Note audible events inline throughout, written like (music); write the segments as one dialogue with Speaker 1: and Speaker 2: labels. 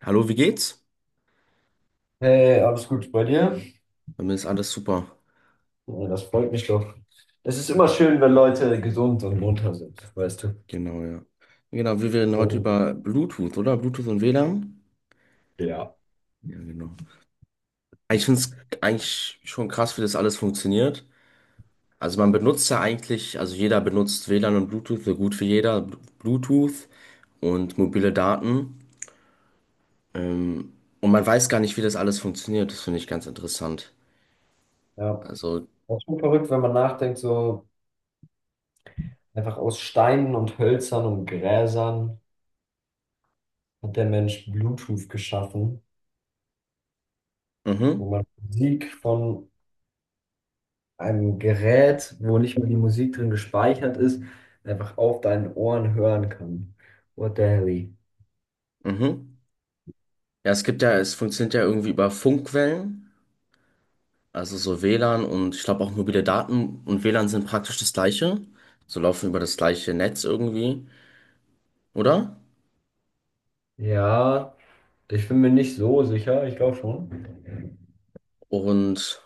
Speaker 1: Hallo, wie geht's?
Speaker 2: Hey, alles gut bei dir?
Speaker 1: Bei mir ist alles super.
Speaker 2: Ja, das freut mich doch. Es ist immer schön, wenn Leute gesund und munter sind, weißt du.
Speaker 1: Genau, ja. Genau, wir reden heute
Speaker 2: Und
Speaker 1: über Bluetooth, oder? Bluetooth und WLAN?
Speaker 2: ja.
Speaker 1: Ja, genau. Ich finde es eigentlich schon krass, wie das alles funktioniert. Also man benutzt ja eigentlich, also jeder benutzt WLAN und Bluetooth, so gut wie jeder, Bluetooth und mobile Daten. Ähm, und man weiß gar nicht, wie das alles funktioniert. Das finde ich ganz interessant.
Speaker 2: Ja,
Speaker 1: Also,
Speaker 2: auch schon verrückt, wenn man nachdenkt, so einfach aus Steinen und Hölzern und Gräsern hat der Mensch Bluetooth geschaffen, wo
Speaker 1: mhm,
Speaker 2: man Musik von einem Gerät, wo nicht mehr die Musik drin gespeichert ist, einfach auf deinen Ohren hören kann. What the hell?
Speaker 1: mhm. Ja, es gibt ja, es funktioniert ja irgendwie über Funkwellen. Also so WLAN und ich glaube auch mobile Daten und WLAN sind praktisch das gleiche. So laufen über das gleiche Netz irgendwie, oder?
Speaker 2: Ja, ich bin mir nicht so sicher, ich glaube schon.
Speaker 1: Und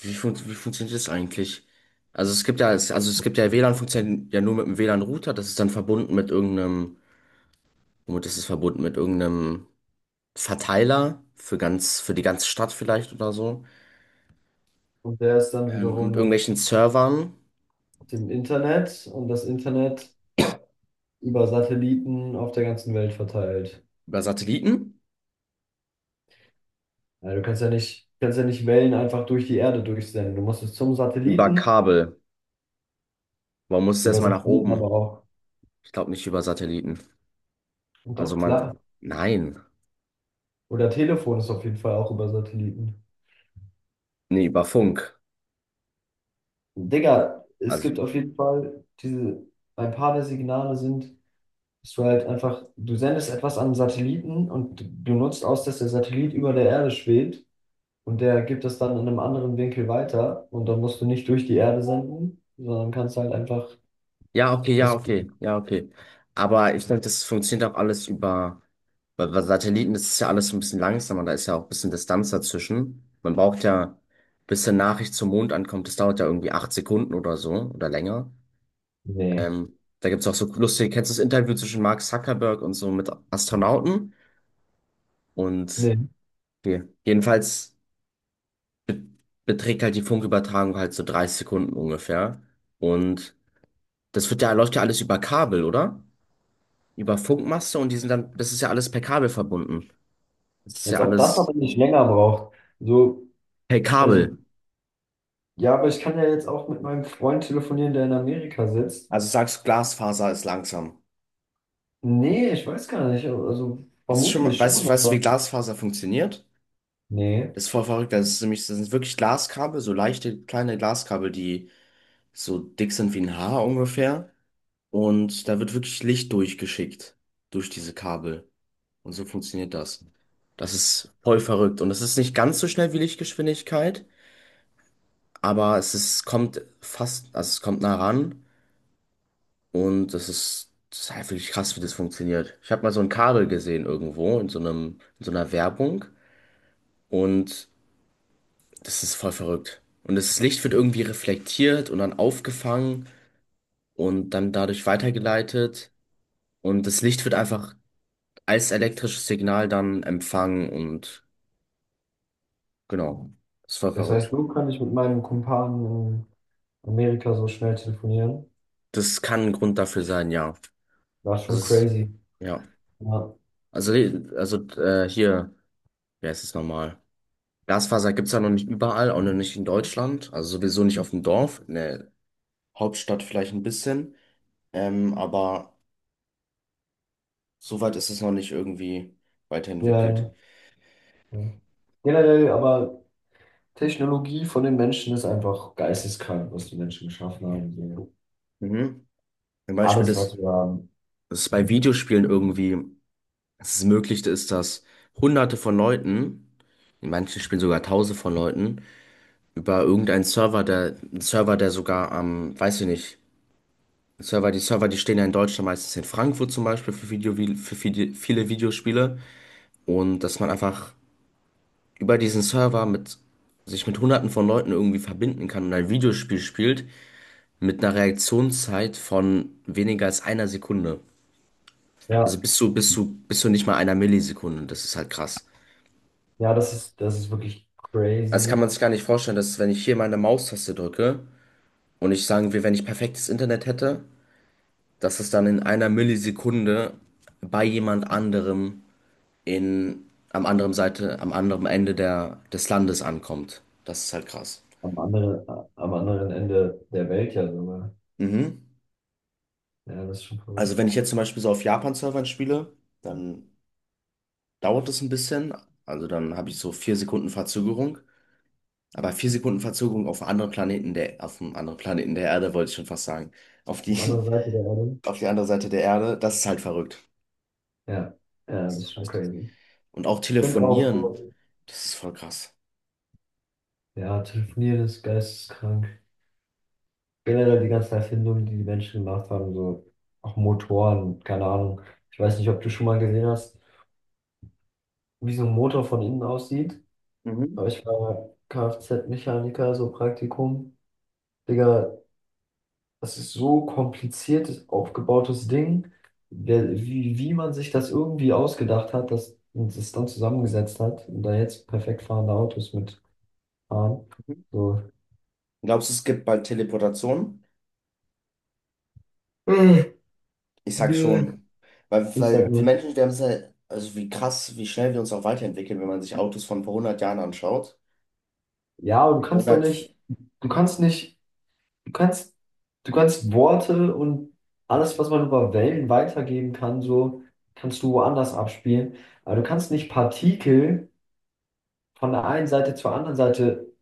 Speaker 1: wie, fun wie funktioniert das eigentlich? Also es gibt ja, also es gibt ja WLAN funktioniert ja nur mit einem WLAN-Router, das ist dann verbunden mit irgendeinem, womit ist es verbunden? Mit irgendeinem Verteiler für ganz, für die ganze Stadt vielleicht oder so.
Speaker 2: Und der ist dann
Speaker 1: Ähm,
Speaker 2: wiederum
Speaker 1: mit
Speaker 2: mit
Speaker 1: irgendwelchen Servern,
Speaker 2: dem Internet und das Internet über Satelliten auf der ganzen Welt verteilt.
Speaker 1: über Satelliten,
Speaker 2: Also du kannst ja nicht Wellen einfach durch die Erde durchsenden. Du musst es zum
Speaker 1: über
Speaker 2: Satelliten,
Speaker 1: Kabel. Warum muss es
Speaker 2: über
Speaker 1: erstmal nach
Speaker 2: Satelliten aber
Speaker 1: oben?
Speaker 2: auch.
Speaker 1: Ich glaube nicht über Satelliten.
Speaker 2: Und
Speaker 1: Also
Speaker 2: doch,
Speaker 1: man,
Speaker 2: klar.
Speaker 1: nein,
Speaker 2: Oder Telefon ist auf jeden Fall auch über Satelliten.
Speaker 1: nee, über Funk.
Speaker 2: Digga, es
Speaker 1: Also,
Speaker 2: gibt auf jeden Fall diese, ein paar der Signale sind, dass du halt einfach, du sendest etwas an einen Satelliten und du nutzt aus, dass der Satellit über der Erde schwebt. Und der gibt es dann in einem anderen Winkel weiter. Und dann musst du nicht durch die Erde senden, sondern kannst halt einfach
Speaker 1: ja, okay, ja,
Speaker 2: das.
Speaker 1: okay, ja, okay. Aber ich denke, das funktioniert auch alles über, bei Satelliten ist es ja alles so ein bisschen langsamer, da ist ja auch ein bisschen Distanz dazwischen. Man braucht ja, bis eine Nachricht zum Mond ankommt, das dauert ja irgendwie 8 Sekunden oder so oder länger.
Speaker 2: Nee,
Speaker 1: Da gibt's auch so lustige, kennst du das Interview zwischen Mark Zuckerberg und so mit Astronauten? Und
Speaker 2: nee.
Speaker 1: okay. Jedenfalls be beträgt halt die Funkübertragung halt so 30 Sekunden ungefähr. Und das wird ja, läuft ja alles über Kabel, oder? Über Funkmaste und die sind dann, das ist ja alles per Kabel verbunden. Das ist
Speaker 2: Als
Speaker 1: ja
Speaker 2: ob das
Speaker 1: alles
Speaker 2: aber nicht länger braucht. So,
Speaker 1: per
Speaker 2: also,
Speaker 1: Kabel.
Speaker 2: ja, aber ich kann ja jetzt auch mit meinem Freund telefonieren, der in Amerika sitzt.
Speaker 1: Also sagst du, Glasfaser ist langsam.
Speaker 2: Nee, ich weiß gar nicht. Also,
Speaker 1: Hast du schon mal,
Speaker 2: vermutlich schon,
Speaker 1: weißt du,
Speaker 2: aber.
Speaker 1: wie Glasfaser funktioniert?
Speaker 2: Nee.
Speaker 1: Das ist voll verrückt. Das ist nämlich, das sind wirklich Glaskabel, so leichte kleine Glaskabel, die so dick sind wie ein Haar ungefähr. Und da wird wirklich Licht durchgeschickt durch diese Kabel. Und so funktioniert das. Das ist voll verrückt. Und das ist nicht ganz so schnell wie Lichtgeschwindigkeit. Aber es ist, kommt fast, also es kommt nah ran und das ist halt wirklich krass, wie das funktioniert. Ich habe mal so ein Kabel gesehen irgendwo in so einem, in so einer Werbung und das ist voll verrückt. Und das Licht wird irgendwie reflektiert und dann aufgefangen und dann dadurch weitergeleitet und das Licht wird einfach als elektrisches Signal dann empfangen und genau, das ist voll
Speaker 2: Das heißt,
Speaker 1: verrückt.
Speaker 2: so kann ich mit meinem Kumpan in Amerika so schnell telefonieren.
Speaker 1: Das kann ein Grund dafür sein, ja.
Speaker 2: War
Speaker 1: Das
Speaker 2: schon
Speaker 1: ist,
Speaker 2: crazy.
Speaker 1: ja.
Speaker 2: Ja,
Speaker 1: Also, also, hier. Ja, es ist normal. Glasfaser gibt es ja noch nicht überall, auch noch nicht in Deutschland. Also sowieso nicht auf dem Dorf. In der Hauptstadt vielleicht ein bisschen. Aber soweit ist es noch nicht irgendwie
Speaker 2: ja,
Speaker 1: weiterentwickelt.
Speaker 2: ja. Ja. Generell, aber Technologie von den Menschen ist einfach geisteskrank, was die Menschen geschaffen haben. So.
Speaker 1: Mhm. Zum Beispiel,
Speaker 2: Alles,
Speaker 1: dass
Speaker 2: was wir haben.
Speaker 1: dass es bei Videospielen irgendwie dass es möglich ist, dass Hunderte von Leuten, in manchen Spielen sogar Tausende von Leuten, über irgendeinen Server, der, einen Server, der sogar am, weiß ich nicht, Server, die stehen ja in Deutschland meistens in Frankfurt zum Beispiel für Video, für viele, viele Videospiele. Und dass man einfach über diesen Server mit sich mit hunderten von Leuten irgendwie verbinden kann und ein Videospiel spielt mit einer Reaktionszeit von weniger als einer Sekunde.
Speaker 2: Ja,
Speaker 1: Also bis zu nicht mal einer Millisekunde. Das ist halt krass.
Speaker 2: ja, das ist wirklich
Speaker 1: Das kann
Speaker 2: crazy.
Speaker 1: man sich gar nicht vorstellen, dass wenn ich hier meine Maustaste drücke und ich sagen will, wenn ich perfektes Internet hätte, dass es dann in einer Millisekunde bei jemand anderem in, am anderen Seite, am anderen Ende der, des Landes ankommt. Das ist halt krass.
Speaker 2: Am anderen, am anderen Ende der Welt ja sogar.
Speaker 1: Mhm.
Speaker 2: Ja, das ist schon
Speaker 1: Also
Speaker 2: verrückt.
Speaker 1: wenn ich jetzt zum Beispiel so auf Japan-Servern spiele, dann dauert es ein bisschen. Also dann habe ich so 4 Sekunden Verzögerung. Aber 4 Sekunden Verzögerung auf einem anderen Planeten der, auf einem anderen Planeten der Erde, wollte ich schon fast sagen. Auf
Speaker 2: Auf der
Speaker 1: die,
Speaker 2: anderen Seite der Erde.
Speaker 1: (laughs) auf die andere Seite der Erde, das ist halt verrückt.
Speaker 2: Ja, ja,
Speaker 1: Das
Speaker 2: das ist
Speaker 1: ist
Speaker 2: schon
Speaker 1: halt.
Speaker 2: crazy. Ich
Speaker 1: Und auch
Speaker 2: finde auch,
Speaker 1: telefonieren,
Speaker 2: so,
Speaker 1: das ist voll krass.
Speaker 2: ja, telefonieren ist geisteskrank. Generell die ganzen Erfindungen, die die Menschen gemacht haben, so auch Motoren, keine Ahnung. Ich weiß nicht, ob du schon mal gesehen hast, wie so ein Motor von innen aussieht.
Speaker 1: Mhm.
Speaker 2: Aber ich war Kfz-Mechaniker, so Praktikum. Digga, das ist so kompliziertes, aufgebautes Ding, wie man sich das irgendwie ausgedacht hat, dass und es dann zusammengesetzt hat und da jetzt perfekt fahrende Autos mit fahren.
Speaker 1: Mhm.
Speaker 2: So.
Speaker 1: Glaubst du, es gibt bald Teleportation?
Speaker 2: Äh,
Speaker 1: Ich sag
Speaker 2: Nö.
Speaker 1: schon. Weil,
Speaker 2: Ich sag
Speaker 1: weil wir
Speaker 2: nur,
Speaker 1: Menschen, wir haben es ja, also wie krass, wie schnell wir uns auch weiterentwickeln, wenn man sich Autos von vor 100 Jahren anschaut.
Speaker 2: ja, aber du kannst doch nicht, du kannst nicht, du kannst, du kannst Worte und alles, was man über Wellen weitergeben kann, so kannst du woanders abspielen. Aber du kannst nicht Partikel von der einen Seite zur anderen Seite,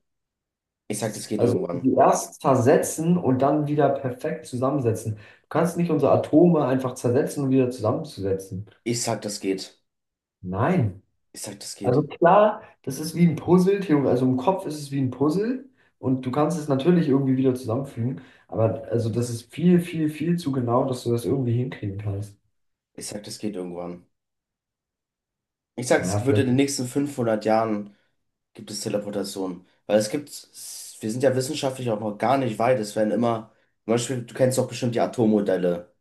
Speaker 1: Ich sag, das geht
Speaker 2: also
Speaker 1: irgendwann.
Speaker 2: die erst zersetzen und dann wieder perfekt zusammensetzen. Du kannst nicht unsere Atome einfach zersetzen und wieder zusammenzusetzen.
Speaker 1: Ich sag, das geht.
Speaker 2: Nein.
Speaker 1: Ich sag, das
Speaker 2: Also
Speaker 1: geht.
Speaker 2: klar, das ist wie ein Puzzle, also im Kopf ist es wie ein Puzzle und du kannst es natürlich irgendwie wieder zusammenfügen, aber also das ist viel, viel, viel zu genau, dass du das irgendwie hinkriegen kannst.
Speaker 1: Ich sag, das geht irgendwann. Ich sag,
Speaker 2: Ja,
Speaker 1: es wird in
Speaker 2: vielleicht.
Speaker 1: den nächsten 500 Jahren gibt es Teleportation. Weil es gibt, wir sind ja wissenschaftlich auch noch gar nicht weit. Es werden immer, zum Beispiel, du kennst doch bestimmt die Atommodelle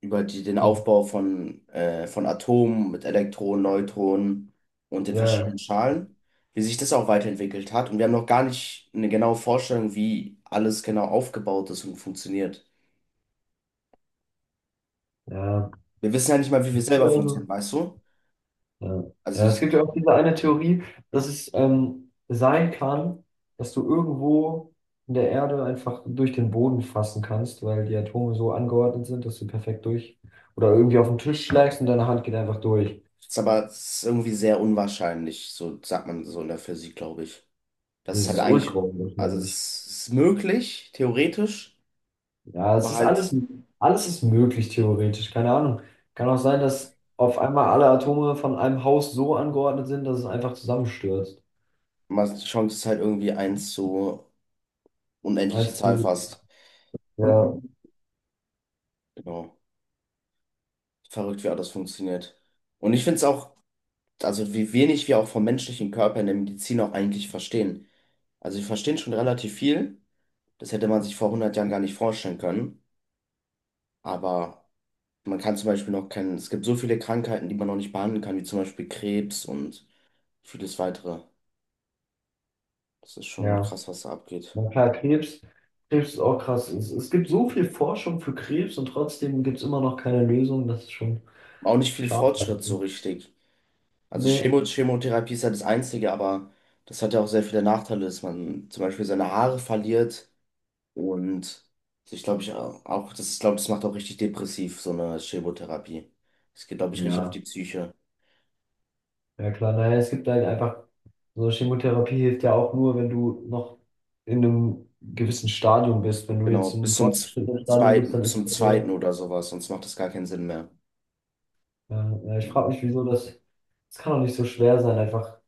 Speaker 1: über die, den Aufbau von Atomen mit Elektronen, Neutronen und den verschiedenen
Speaker 2: Ja,
Speaker 1: Schalen, wie sich das auch weiterentwickelt hat. Und wir haben noch gar nicht eine genaue Vorstellung, wie alles genau aufgebaut ist und funktioniert.
Speaker 2: ja.
Speaker 1: Wir wissen ja nicht mal, wie wir
Speaker 2: Ja,
Speaker 1: selber funktionieren, weißt du?
Speaker 2: Ja.
Speaker 1: Also
Speaker 2: Ja, es gibt ja
Speaker 1: es
Speaker 2: auch diese eine Theorie, dass es sein kann, dass du irgendwo in der Erde einfach durch den Boden fassen kannst, weil die Atome so angeordnet sind, dass du perfekt durch oder irgendwie auf den Tisch schlägst und deine Hand geht einfach durch.
Speaker 1: ist aber es ist irgendwie sehr unwahrscheinlich, so sagt man so in der Physik, glaube ich. Das
Speaker 2: Das
Speaker 1: ist halt
Speaker 2: ist ultra
Speaker 1: eigentlich, also
Speaker 2: unwahrscheinlich.
Speaker 1: es ist möglich, theoretisch,
Speaker 2: Ja,
Speaker 1: aber halt,
Speaker 2: alles ist möglich theoretisch, keine Ahnung. Kann auch sein, dass auf einmal alle Atome von einem Haus so angeordnet sind, dass es einfach zusammenstürzt.
Speaker 1: man die Chance ist halt irgendwie eins zu unendliche
Speaker 2: Als
Speaker 1: Zahl
Speaker 2: du,
Speaker 1: fast.
Speaker 2: ja,
Speaker 1: Genau. Verrückt, wie auch das funktioniert. Und ich finde es auch, also wie wenig wir auch vom menschlichen Körper in der Medizin auch eigentlich verstehen. Also wir verstehen schon relativ viel. Das hätte man sich vor 100 Jahren gar nicht vorstellen können. Aber man kann zum Beispiel noch kennen, es gibt so viele Krankheiten, die man noch nicht behandeln kann, wie zum Beispiel Krebs und vieles weitere. Das ist schon
Speaker 2: ja.
Speaker 1: krass, was da abgeht.
Speaker 2: Na klar, Krebs ist auch krass. Es gibt so viel Forschung für Krebs und trotzdem gibt es immer noch keine Lösung. Das ist schon
Speaker 1: Auch nicht viel
Speaker 2: schade.
Speaker 1: Fortschritt so richtig. Also
Speaker 2: Nee,
Speaker 1: Chemotherapie ist ja das Einzige, aber das hat ja auch sehr viele Nachteile, dass man zum Beispiel seine Haare verliert und ich glaube, ich auch, das ist, glaube das macht auch richtig depressiv, so eine Chemotherapie. Es geht, glaube ich, richtig auf die
Speaker 2: ja,
Speaker 1: Psyche.
Speaker 2: ja klar. Naja, es gibt halt einfach, so Chemotherapie hilft ja auch nur, wenn du noch in einem gewissen Stadium bist. Wenn du
Speaker 1: Genau,
Speaker 2: jetzt im
Speaker 1: bis zum z-
Speaker 2: fortgeschrittenen Stadium bist,
Speaker 1: zweiten,
Speaker 2: dann ist
Speaker 1: zum
Speaker 2: das
Speaker 1: zweiten
Speaker 2: vorbei.
Speaker 1: oder sowas, sonst macht das gar keinen Sinn mehr.
Speaker 2: Ja, ja, ich
Speaker 1: Genau.
Speaker 2: frage mich, wieso das kann doch nicht so schwer sein, einfach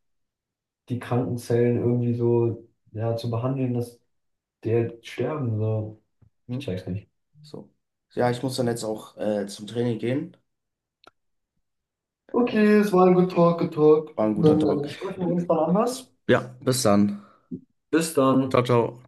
Speaker 2: die kranken Zellen irgendwie so ja, zu behandeln, dass die halt sterben. So. Ich
Speaker 1: Hm?
Speaker 2: check's nicht.
Speaker 1: So. Ja, ich muss dann jetzt auch zum Training gehen. Äh,
Speaker 2: Okay, es war ein Good
Speaker 1: okay.
Speaker 2: Talk, Good Talk.
Speaker 1: War ein guter
Speaker 2: Dann
Speaker 1: Talk.
Speaker 2: sprechen wir uns mal anders.
Speaker 1: Ja, bis dann.
Speaker 2: Bis dann.
Speaker 1: Ciao, ciao.